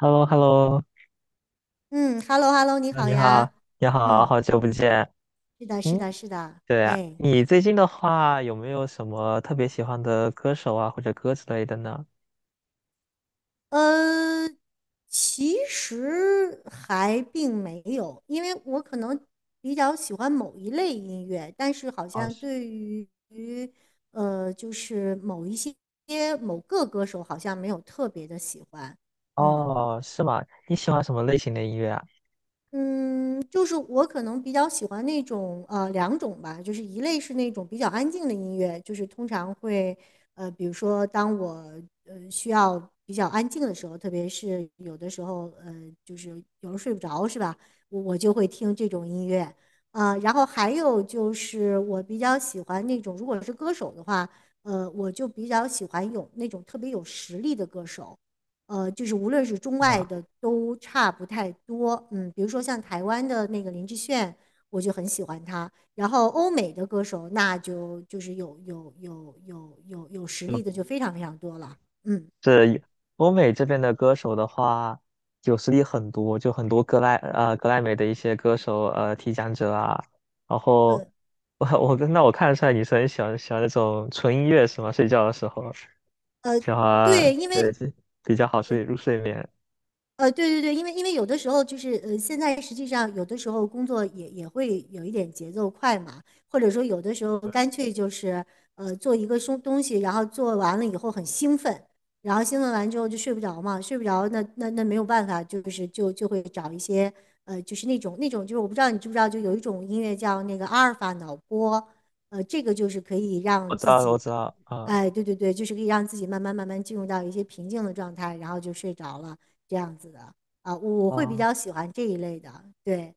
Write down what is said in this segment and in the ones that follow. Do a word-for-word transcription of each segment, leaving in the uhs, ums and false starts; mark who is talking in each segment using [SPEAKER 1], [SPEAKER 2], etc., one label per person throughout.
[SPEAKER 1] h e l l o h e l l
[SPEAKER 2] 嗯，hello hello，你
[SPEAKER 1] o
[SPEAKER 2] 好
[SPEAKER 1] 你好，
[SPEAKER 2] 呀。
[SPEAKER 1] 你好，
[SPEAKER 2] 嗯，
[SPEAKER 1] 好久不见。
[SPEAKER 2] 是的，是
[SPEAKER 1] 嗯，
[SPEAKER 2] 的，是的。
[SPEAKER 1] 对啊，
[SPEAKER 2] 哎，
[SPEAKER 1] 你最近的话有没有什么特别喜欢的歌手啊，或者歌之类的呢？
[SPEAKER 2] 呃，其实还并没有，因为我可能比较喜欢某一类音乐，但是好
[SPEAKER 1] 哦，
[SPEAKER 2] 像
[SPEAKER 1] 是
[SPEAKER 2] 对于呃，就是某一些某个歌手好像没有特别的喜欢。嗯。
[SPEAKER 1] 哦，是吗？你喜欢什么类型的音乐啊？
[SPEAKER 2] 嗯，就是我可能比较喜欢那种呃两种吧，就是一类是那种比较安静的音乐，就是通常会呃，比如说当我呃需要比较安静的时候，特别是有的时候呃，就是有时候睡不着是吧，我我就会听这种音乐啊，然后还有就是我比较喜欢那种，如果是歌手的话，呃，我就比较喜欢有那种特别有实力的歌手。呃，就是无论是中
[SPEAKER 1] 是
[SPEAKER 2] 外
[SPEAKER 1] 吗？
[SPEAKER 2] 的都差不太多。嗯，比如说像台湾的那个林志炫，我就很喜欢他。然后欧美的歌手，那就就是有有有有有有实力的就非常非常多了。嗯，
[SPEAKER 1] 就是欧美这边的歌手的话，有实力很多，就很多格莱呃格莱美的一些歌手呃提奖者啊。然后
[SPEAKER 2] 呃
[SPEAKER 1] 我我那我看得出来你是很喜欢喜欢那种纯音乐是吗？睡觉的时候。
[SPEAKER 2] 呃，
[SPEAKER 1] 喜
[SPEAKER 2] 对，
[SPEAKER 1] 欢，
[SPEAKER 2] 因
[SPEAKER 1] 对，
[SPEAKER 2] 为
[SPEAKER 1] 是比较好睡入睡眠。
[SPEAKER 2] 呃，对对对，因为因为有的时候就是呃，现在实际上有的时候工作也也会有一点节奏快嘛，或者说有的时候干脆就是呃做一个东东西，然后做完了以后很兴奋，然后兴奋完之后就睡不着嘛，睡不着那那那没有办法，就是就就会找一些呃就是那种那种就是我不知道你知不知道，就有一种音乐叫那个阿尔法脑波，呃，这个就是可以
[SPEAKER 1] 我
[SPEAKER 2] 让
[SPEAKER 1] 知
[SPEAKER 2] 自
[SPEAKER 1] 道，我
[SPEAKER 2] 己
[SPEAKER 1] 知道，啊、
[SPEAKER 2] 哎，对对对，就是可以让自己慢慢慢慢进入到一些平静的状态，然后就睡着了这样子的啊，我会比
[SPEAKER 1] 啊、
[SPEAKER 2] 较喜欢这一类的。对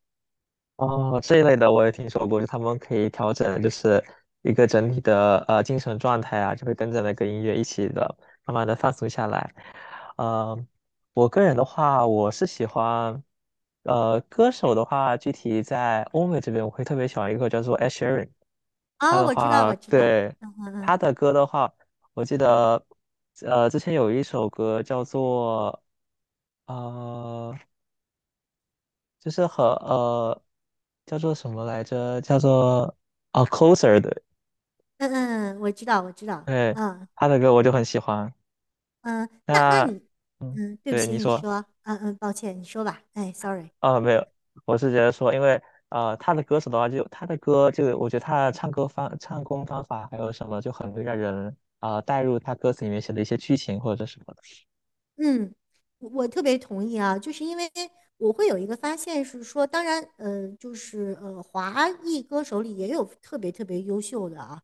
[SPEAKER 1] 哦，这一类的我也听说过，就他们可以调整，就是一个整体的呃精神状态啊，就会跟着那个音乐一起的，慢慢的放松下来。呃，我个人的话，我是喜欢，呃，歌手的话，具体在欧美这边，我会特别喜欢一个叫做 Ed s h e r a n 他
[SPEAKER 2] 哦，
[SPEAKER 1] 的
[SPEAKER 2] 我知道，
[SPEAKER 1] 话，
[SPEAKER 2] 我知道，
[SPEAKER 1] 对，他的歌的话。我记得，呃，之前有一首歌叫做呃，就是和呃叫做什么来着？叫做啊 Closer 的，
[SPEAKER 2] 嗯嗯，嗯我知道，我知道，
[SPEAKER 1] 对，
[SPEAKER 2] 嗯
[SPEAKER 1] 他的歌我就很喜欢。
[SPEAKER 2] 嗯，那那
[SPEAKER 1] 那
[SPEAKER 2] 你，
[SPEAKER 1] 嗯，
[SPEAKER 2] 嗯，对不
[SPEAKER 1] 对
[SPEAKER 2] 起，
[SPEAKER 1] 你
[SPEAKER 2] 你
[SPEAKER 1] 说
[SPEAKER 2] 说，嗯嗯，抱歉，你说吧，哎，sorry。
[SPEAKER 1] 啊，没有，我是觉得说，因为呃他的歌手的话就，他的歌就我觉得他的唱歌方唱功方法还有什么就很会让人啊、带入他歌词里面写的一些剧情或者什么的。
[SPEAKER 2] 嗯，我我特别同意啊，就是因为我会有一个发现是说，当然，呃，就是呃，华裔歌手里也有特别特别优秀的啊，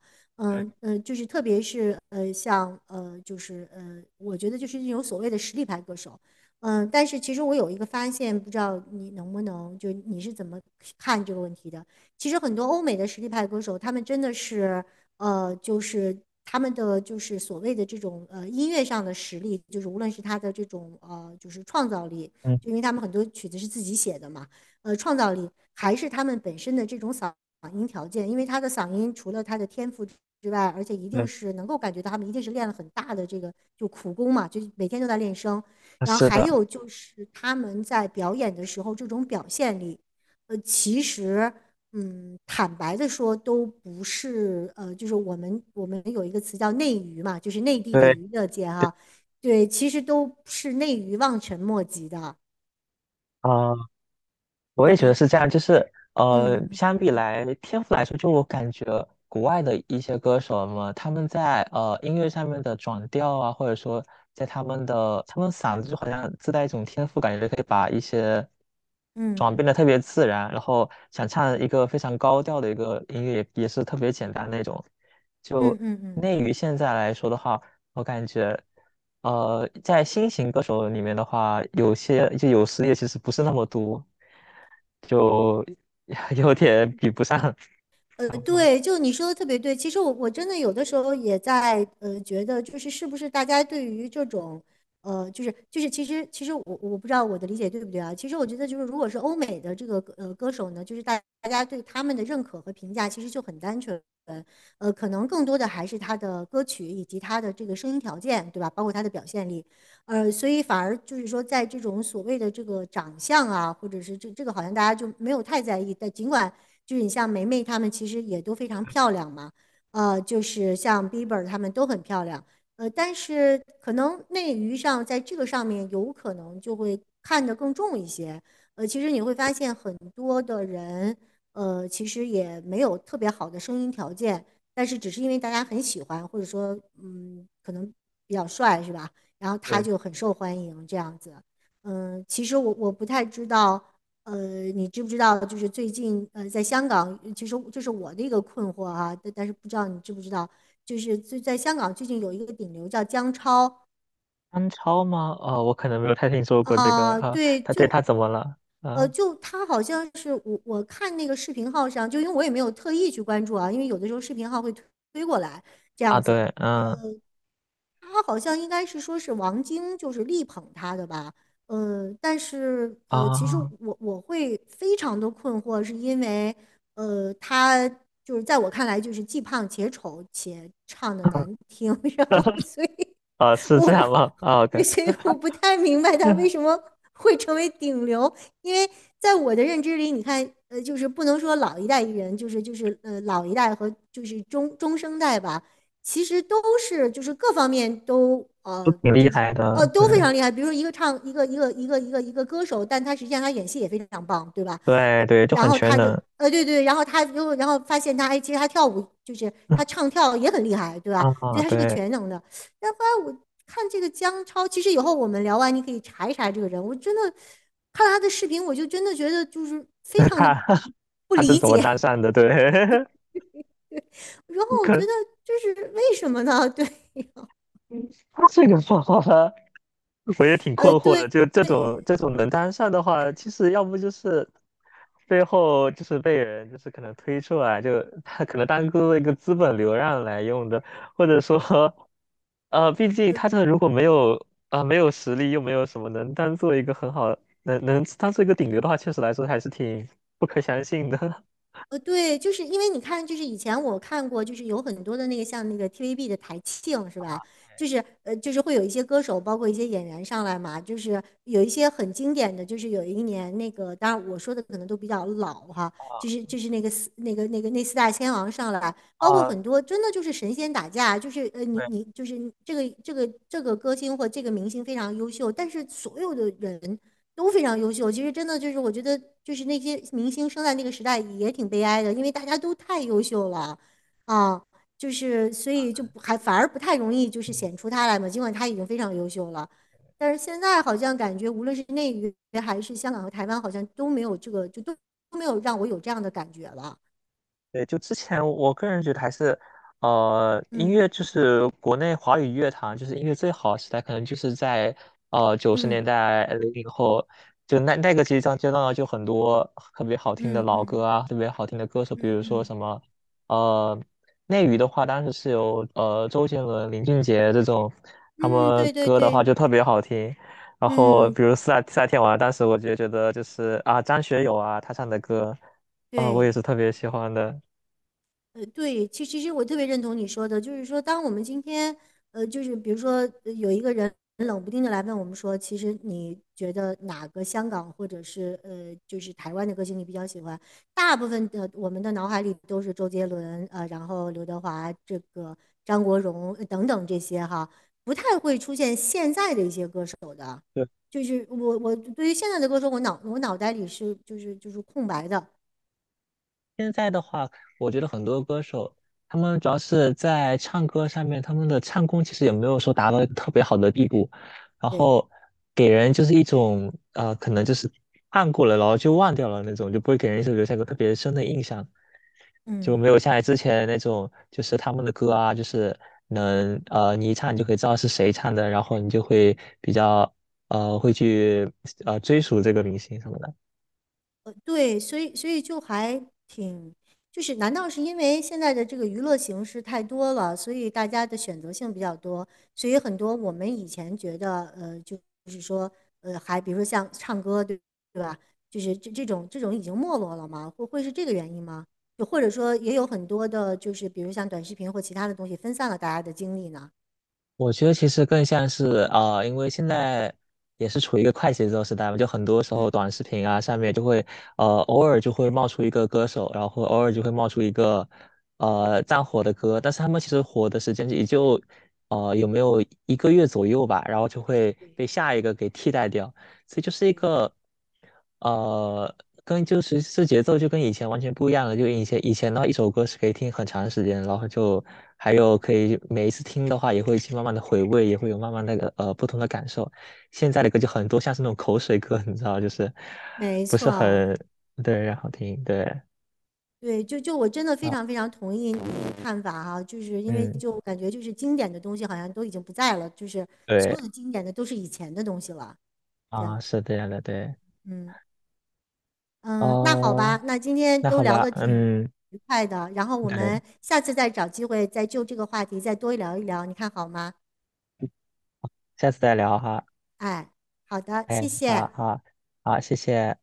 [SPEAKER 1] 对
[SPEAKER 2] 嗯、嗯，就是特别是呃，像呃，就是呃，我觉得就是那种所谓的实力派歌手，嗯、但是其实我有一个发现，不知道你能不能，就你是怎么看这个问题的？其实很多欧美的实力派歌手，他们真的是。呃，就是他们的就是所谓的这种呃音乐上的实力，就是无论是他的这种呃就是创造力，
[SPEAKER 1] 嗯，
[SPEAKER 2] 就因为他们很多曲子是自己写的嘛，呃，创造力还是他们本身的这种嗓音条件，因为他的嗓音除了他的天赋。之外，而且一定
[SPEAKER 1] 对，
[SPEAKER 2] 是能够感觉到他们一定是练了很大的这个就苦功嘛，就每天都在练声。然后
[SPEAKER 1] 是
[SPEAKER 2] 还
[SPEAKER 1] 的，
[SPEAKER 2] 有就是他们在表演的时候这种表现力，呃，其实嗯，坦白的说，都不是呃，就是我们我们有一个词叫内娱嘛，就是内地的
[SPEAKER 1] 对
[SPEAKER 2] 娱乐界
[SPEAKER 1] 对
[SPEAKER 2] 哈、对，其实都是内娱望尘莫及的。
[SPEAKER 1] 啊。我也觉得
[SPEAKER 2] 嗯
[SPEAKER 1] 是这样，就是呃，
[SPEAKER 2] 嗯嗯
[SPEAKER 1] 相比来天赋来说，就我感觉国外的一些歌手们，他们在呃音乐上面的转调啊，或者说在他们的他们嗓子就好像自带一种天赋，感觉可以把一些
[SPEAKER 2] 嗯
[SPEAKER 1] 转变的特别自然，然后想唱一个非常高调的一个音乐也也是特别简单那种。就
[SPEAKER 2] 嗯嗯嗯。
[SPEAKER 1] 内娱现在来说的话，我感觉。呃，在新型歌手里面的话，有些就有时也其实不是那么多，就 有点比不上，
[SPEAKER 2] 呃，
[SPEAKER 1] 差不多。
[SPEAKER 2] 对，就你说的特别对。其实我我真的有的时候也在呃觉得，就是是不是大家对于这种呃，就是就是其实其实我我不知道我的理解对不对啊。其实我觉得就是如果是欧美的这个呃歌手呢，就是大大家对他们的认可和评价其实就很单纯，呃，可能更多的还是他的歌曲以及他的这个声音条件，对吧？包括他的表现力，呃，所以反而就是说在这种所谓的这个长相啊，或者是这这个好像大家就没有太在意，但尽管。就是你像梅梅她们其实也都非常漂亮嘛，呃，就是像 Bieber 她们都很漂亮，呃，但是可能内娱上在这个上面有可能就会看得更重一些，呃，其实你会发现很多的人，呃，其实也没有特别好的声音条件，但是只是因为大家很喜欢，或者说嗯，可能比较帅是吧？然后他
[SPEAKER 1] 对，
[SPEAKER 2] 就很受欢迎这样子。嗯，其实我我不太知道，呃，你知不知道？就是最近，呃，在香港，其实这是我的一个困惑啊，但但是不知道你知不知道，就是最在香港最近有一个顶流叫姜超
[SPEAKER 1] 安超吗？哦，我可能没有太听说过这个
[SPEAKER 2] 啊、
[SPEAKER 1] 啊。
[SPEAKER 2] 对，
[SPEAKER 1] 他对
[SPEAKER 2] 就
[SPEAKER 1] 他怎么了？
[SPEAKER 2] 呃，
[SPEAKER 1] 啊
[SPEAKER 2] 就他好像是我我看那个视频号上，就因为我也没有特意去关注啊，因为有的时候视频号会推推过来这
[SPEAKER 1] 啊，
[SPEAKER 2] 样子，
[SPEAKER 1] 对，嗯
[SPEAKER 2] 他好像应该是说是王晶就是力捧他的吧，呃，但是呃，其实
[SPEAKER 1] 啊
[SPEAKER 2] 我我会非常的困惑，是因为呃，他就是在我看来就是既胖且丑且唱的难听，然后 所以
[SPEAKER 1] 啊，是这
[SPEAKER 2] 我
[SPEAKER 1] 样吗？啊
[SPEAKER 2] 对，
[SPEAKER 1] 对，
[SPEAKER 2] 所以我不太明白他为什么会成为顶流，因为在我的认知里，你看，呃，就是不能说老一代艺人，就是就是呃老一代和就是中中生代吧，其实都是就是各方面都
[SPEAKER 1] 都
[SPEAKER 2] 呃
[SPEAKER 1] 挺厉
[SPEAKER 2] 就是
[SPEAKER 1] 害
[SPEAKER 2] 呃
[SPEAKER 1] 的，对
[SPEAKER 2] 都非常厉害。比如说一个唱一个一个一个一个一个歌手，但他实际上他演戏也非常棒，对吧？
[SPEAKER 1] 对对，就
[SPEAKER 2] 然
[SPEAKER 1] 很
[SPEAKER 2] 后
[SPEAKER 1] 全
[SPEAKER 2] 他的
[SPEAKER 1] 能。
[SPEAKER 2] 呃，对对，然后他又然后发现他哎，其实他跳舞就是他唱 跳也很厉害，对吧？
[SPEAKER 1] 啊，
[SPEAKER 2] 所以他是个
[SPEAKER 1] 对，
[SPEAKER 2] 全能的。但后来我看这个姜超，其实以后我们聊完你可以查一查这个人，我真的看了他的视频，我就真的觉得就是非 常的
[SPEAKER 1] 他
[SPEAKER 2] 不
[SPEAKER 1] 他是
[SPEAKER 2] 理
[SPEAKER 1] 怎么搭
[SPEAKER 2] 解，
[SPEAKER 1] 讪 的？对，
[SPEAKER 2] 然后 我
[SPEAKER 1] 可
[SPEAKER 2] 觉
[SPEAKER 1] 能。
[SPEAKER 2] 得这是为什么呢？对，
[SPEAKER 1] 他这个方法，我也挺困
[SPEAKER 2] 呃，
[SPEAKER 1] 惑
[SPEAKER 2] 对，
[SPEAKER 1] 的。就这种这种能当上的话，其实要不就是最后就是被人就是可能推出来，就他可能当做一个资本流量来用的，或者说，呃，毕竟他这如果没有啊、呃没有实力，又没有什么能当做一个很好能能当做一个顶流的话，确实来说还是挺不可相信的
[SPEAKER 2] 呃，对，就是因为你看，就是以前我看过，就是有很多的那个像那个 T V B 的台庆是吧？就是呃，就是会有一些歌手，包括一些演员上来嘛，就是有一些很经典的，就是有一年那个，当然我说的可能都比较老哈，
[SPEAKER 1] 啊
[SPEAKER 2] 就是就是那个四那个那个那四大天王上来，包括
[SPEAKER 1] 啊，
[SPEAKER 2] 很多真的就是神仙打架，就是呃 你
[SPEAKER 1] 对。
[SPEAKER 2] 你就是这个这个这个歌星或这个明星非常优秀，但是所有的人。都非常优秀。其实真的就是，我觉得就是那些明星生在那个时代也挺悲哀的，因为大家都太优秀了，啊，就是所以就不还反而不太容易就是显出他来嘛。尽管他已经非常优秀了，但是现在好像感觉无论是内娱还是香港和台湾，好像都没有这个，就都都没有让我有这样的感觉了。
[SPEAKER 1] 对，就之前我个人觉得还是，呃，音
[SPEAKER 2] 嗯
[SPEAKER 1] 乐就是国内华语乐坛就是音乐最好的时代，可能就是在呃九十年
[SPEAKER 2] 嗯
[SPEAKER 1] 代零零后，就那那个阶段阶段就很多特别好听的
[SPEAKER 2] 嗯
[SPEAKER 1] 老歌
[SPEAKER 2] 嗯
[SPEAKER 1] 啊，特别好听的歌手，比
[SPEAKER 2] 嗯
[SPEAKER 1] 如说
[SPEAKER 2] 嗯
[SPEAKER 1] 什么，呃，内娱的话，当时是有呃周杰伦、林俊杰这种，他
[SPEAKER 2] 嗯，
[SPEAKER 1] 们
[SPEAKER 2] 对对
[SPEAKER 1] 歌的话
[SPEAKER 2] 对，
[SPEAKER 1] 就特别好听。然后
[SPEAKER 2] 嗯
[SPEAKER 1] 比如夏夏天晚，当时我就觉得就是啊张学友啊他唱的歌。啊，我也
[SPEAKER 2] 对。
[SPEAKER 1] 是特别喜欢的。
[SPEAKER 2] 呃，对，其其实我特别认同你说的，就是说，当我们今天，呃，就是比如说，呃有一个人冷不丁的来问我们说，其实你觉得哪个香港或者是呃，就是台湾的歌星你比较喜欢？大部分的我们的脑海里都是周杰伦，呃，然后刘德华，这个张国荣，呃等等这些哈，不太会出现现在的一些歌手。
[SPEAKER 1] 对，
[SPEAKER 2] 就是我我对于现在的歌手，我脑我脑袋里是就是就是空白的，
[SPEAKER 1] 现在的话，我觉得很多歌手，他们主要是在唱歌上面，他们的唱功其实也没有说达到一个特别好的地步，然
[SPEAKER 2] 对，
[SPEAKER 1] 后给人就是一种呃，可能就是看过了，然后就忘掉了那种，就不会给人一直留下一个特别深的印象，就没
[SPEAKER 2] 嗯。
[SPEAKER 1] 有像之前那种，就是他们的歌啊，就是能呃，你一唱你就可以知道是谁唱的，然后你就会比较呃，会去呃追溯这个明星什么的。
[SPEAKER 2] 对，所以所以就还挺，就是难道是因为现在的这个娱乐形式太多了，所以大家的选择性比较多，所以很多我们以前觉得，呃，就是说，呃，还比如说像唱歌，对对吧？就是这这种这种已经没落了吗？会会是这个原因吗？就或者说也有很多的，就是比如像短视频或其他的东西分散了大家的精力呢？
[SPEAKER 1] 我觉得其实更像是啊、呃因为现在也是处于一个快节奏时代嘛，就很多时候短视频啊上面就会呃偶尔就会冒出一个歌手，然后偶尔就会冒出一个呃战火的歌，但是他们其实火的时间也就呃有没有一个月左右吧，然后就会
[SPEAKER 2] 对
[SPEAKER 1] 被下一个给替代掉。所以就是一
[SPEAKER 2] 对，
[SPEAKER 1] 个呃，跟就是这节奏就跟以前完全不一样了。就以前以前的话，一首歌是可以听很长时间，然后就还有可以每一次听的话，也会去慢慢的回味，也会有慢慢那个呃不同的感受。现在的歌就很多像是那种口水歌，你知道，就是
[SPEAKER 2] 没
[SPEAKER 1] 不是
[SPEAKER 2] 错，
[SPEAKER 1] 很对，然后听对
[SPEAKER 2] 对，就就我真的非
[SPEAKER 1] 啊，
[SPEAKER 2] 常非常同意你的看法哈、就是因为
[SPEAKER 1] 嗯，
[SPEAKER 2] 就感觉就是经典的东西好像都已经不在了，就是
[SPEAKER 1] 对
[SPEAKER 2] 所有的经典的都是以前的东西了，这样
[SPEAKER 1] 啊，
[SPEAKER 2] 子。
[SPEAKER 1] 是这样的，对
[SPEAKER 2] 嗯嗯，那好吧，
[SPEAKER 1] 哦，
[SPEAKER 2] 那今天
[SPEAKER 1] 那
[SPEAKER 2] 都
[SPEAKER 1] 好
[SPEAKER 2] 聊
[SPEAKER 1] 吧，
[SPEAKER 2] 得挺
[SPEAKER 1] 嗯，
[SPEAKER 2] 愉快的，然后我们
[SPEAKER 1] 对，
[SPEAKER 2] 下次再找机会再就这个话题再多聊一聊，你看好吗？
[SPEAKER 1] 下次再聊哈，
[SPEAKER 2] 哎，好的，
[SPEAKER 1] 哎，
[SPEAKER 2] 谢
[SPEAKER 1] 好
[SPEAKER 2] 谢。
[SPEAKER 1] 好好，谢谢。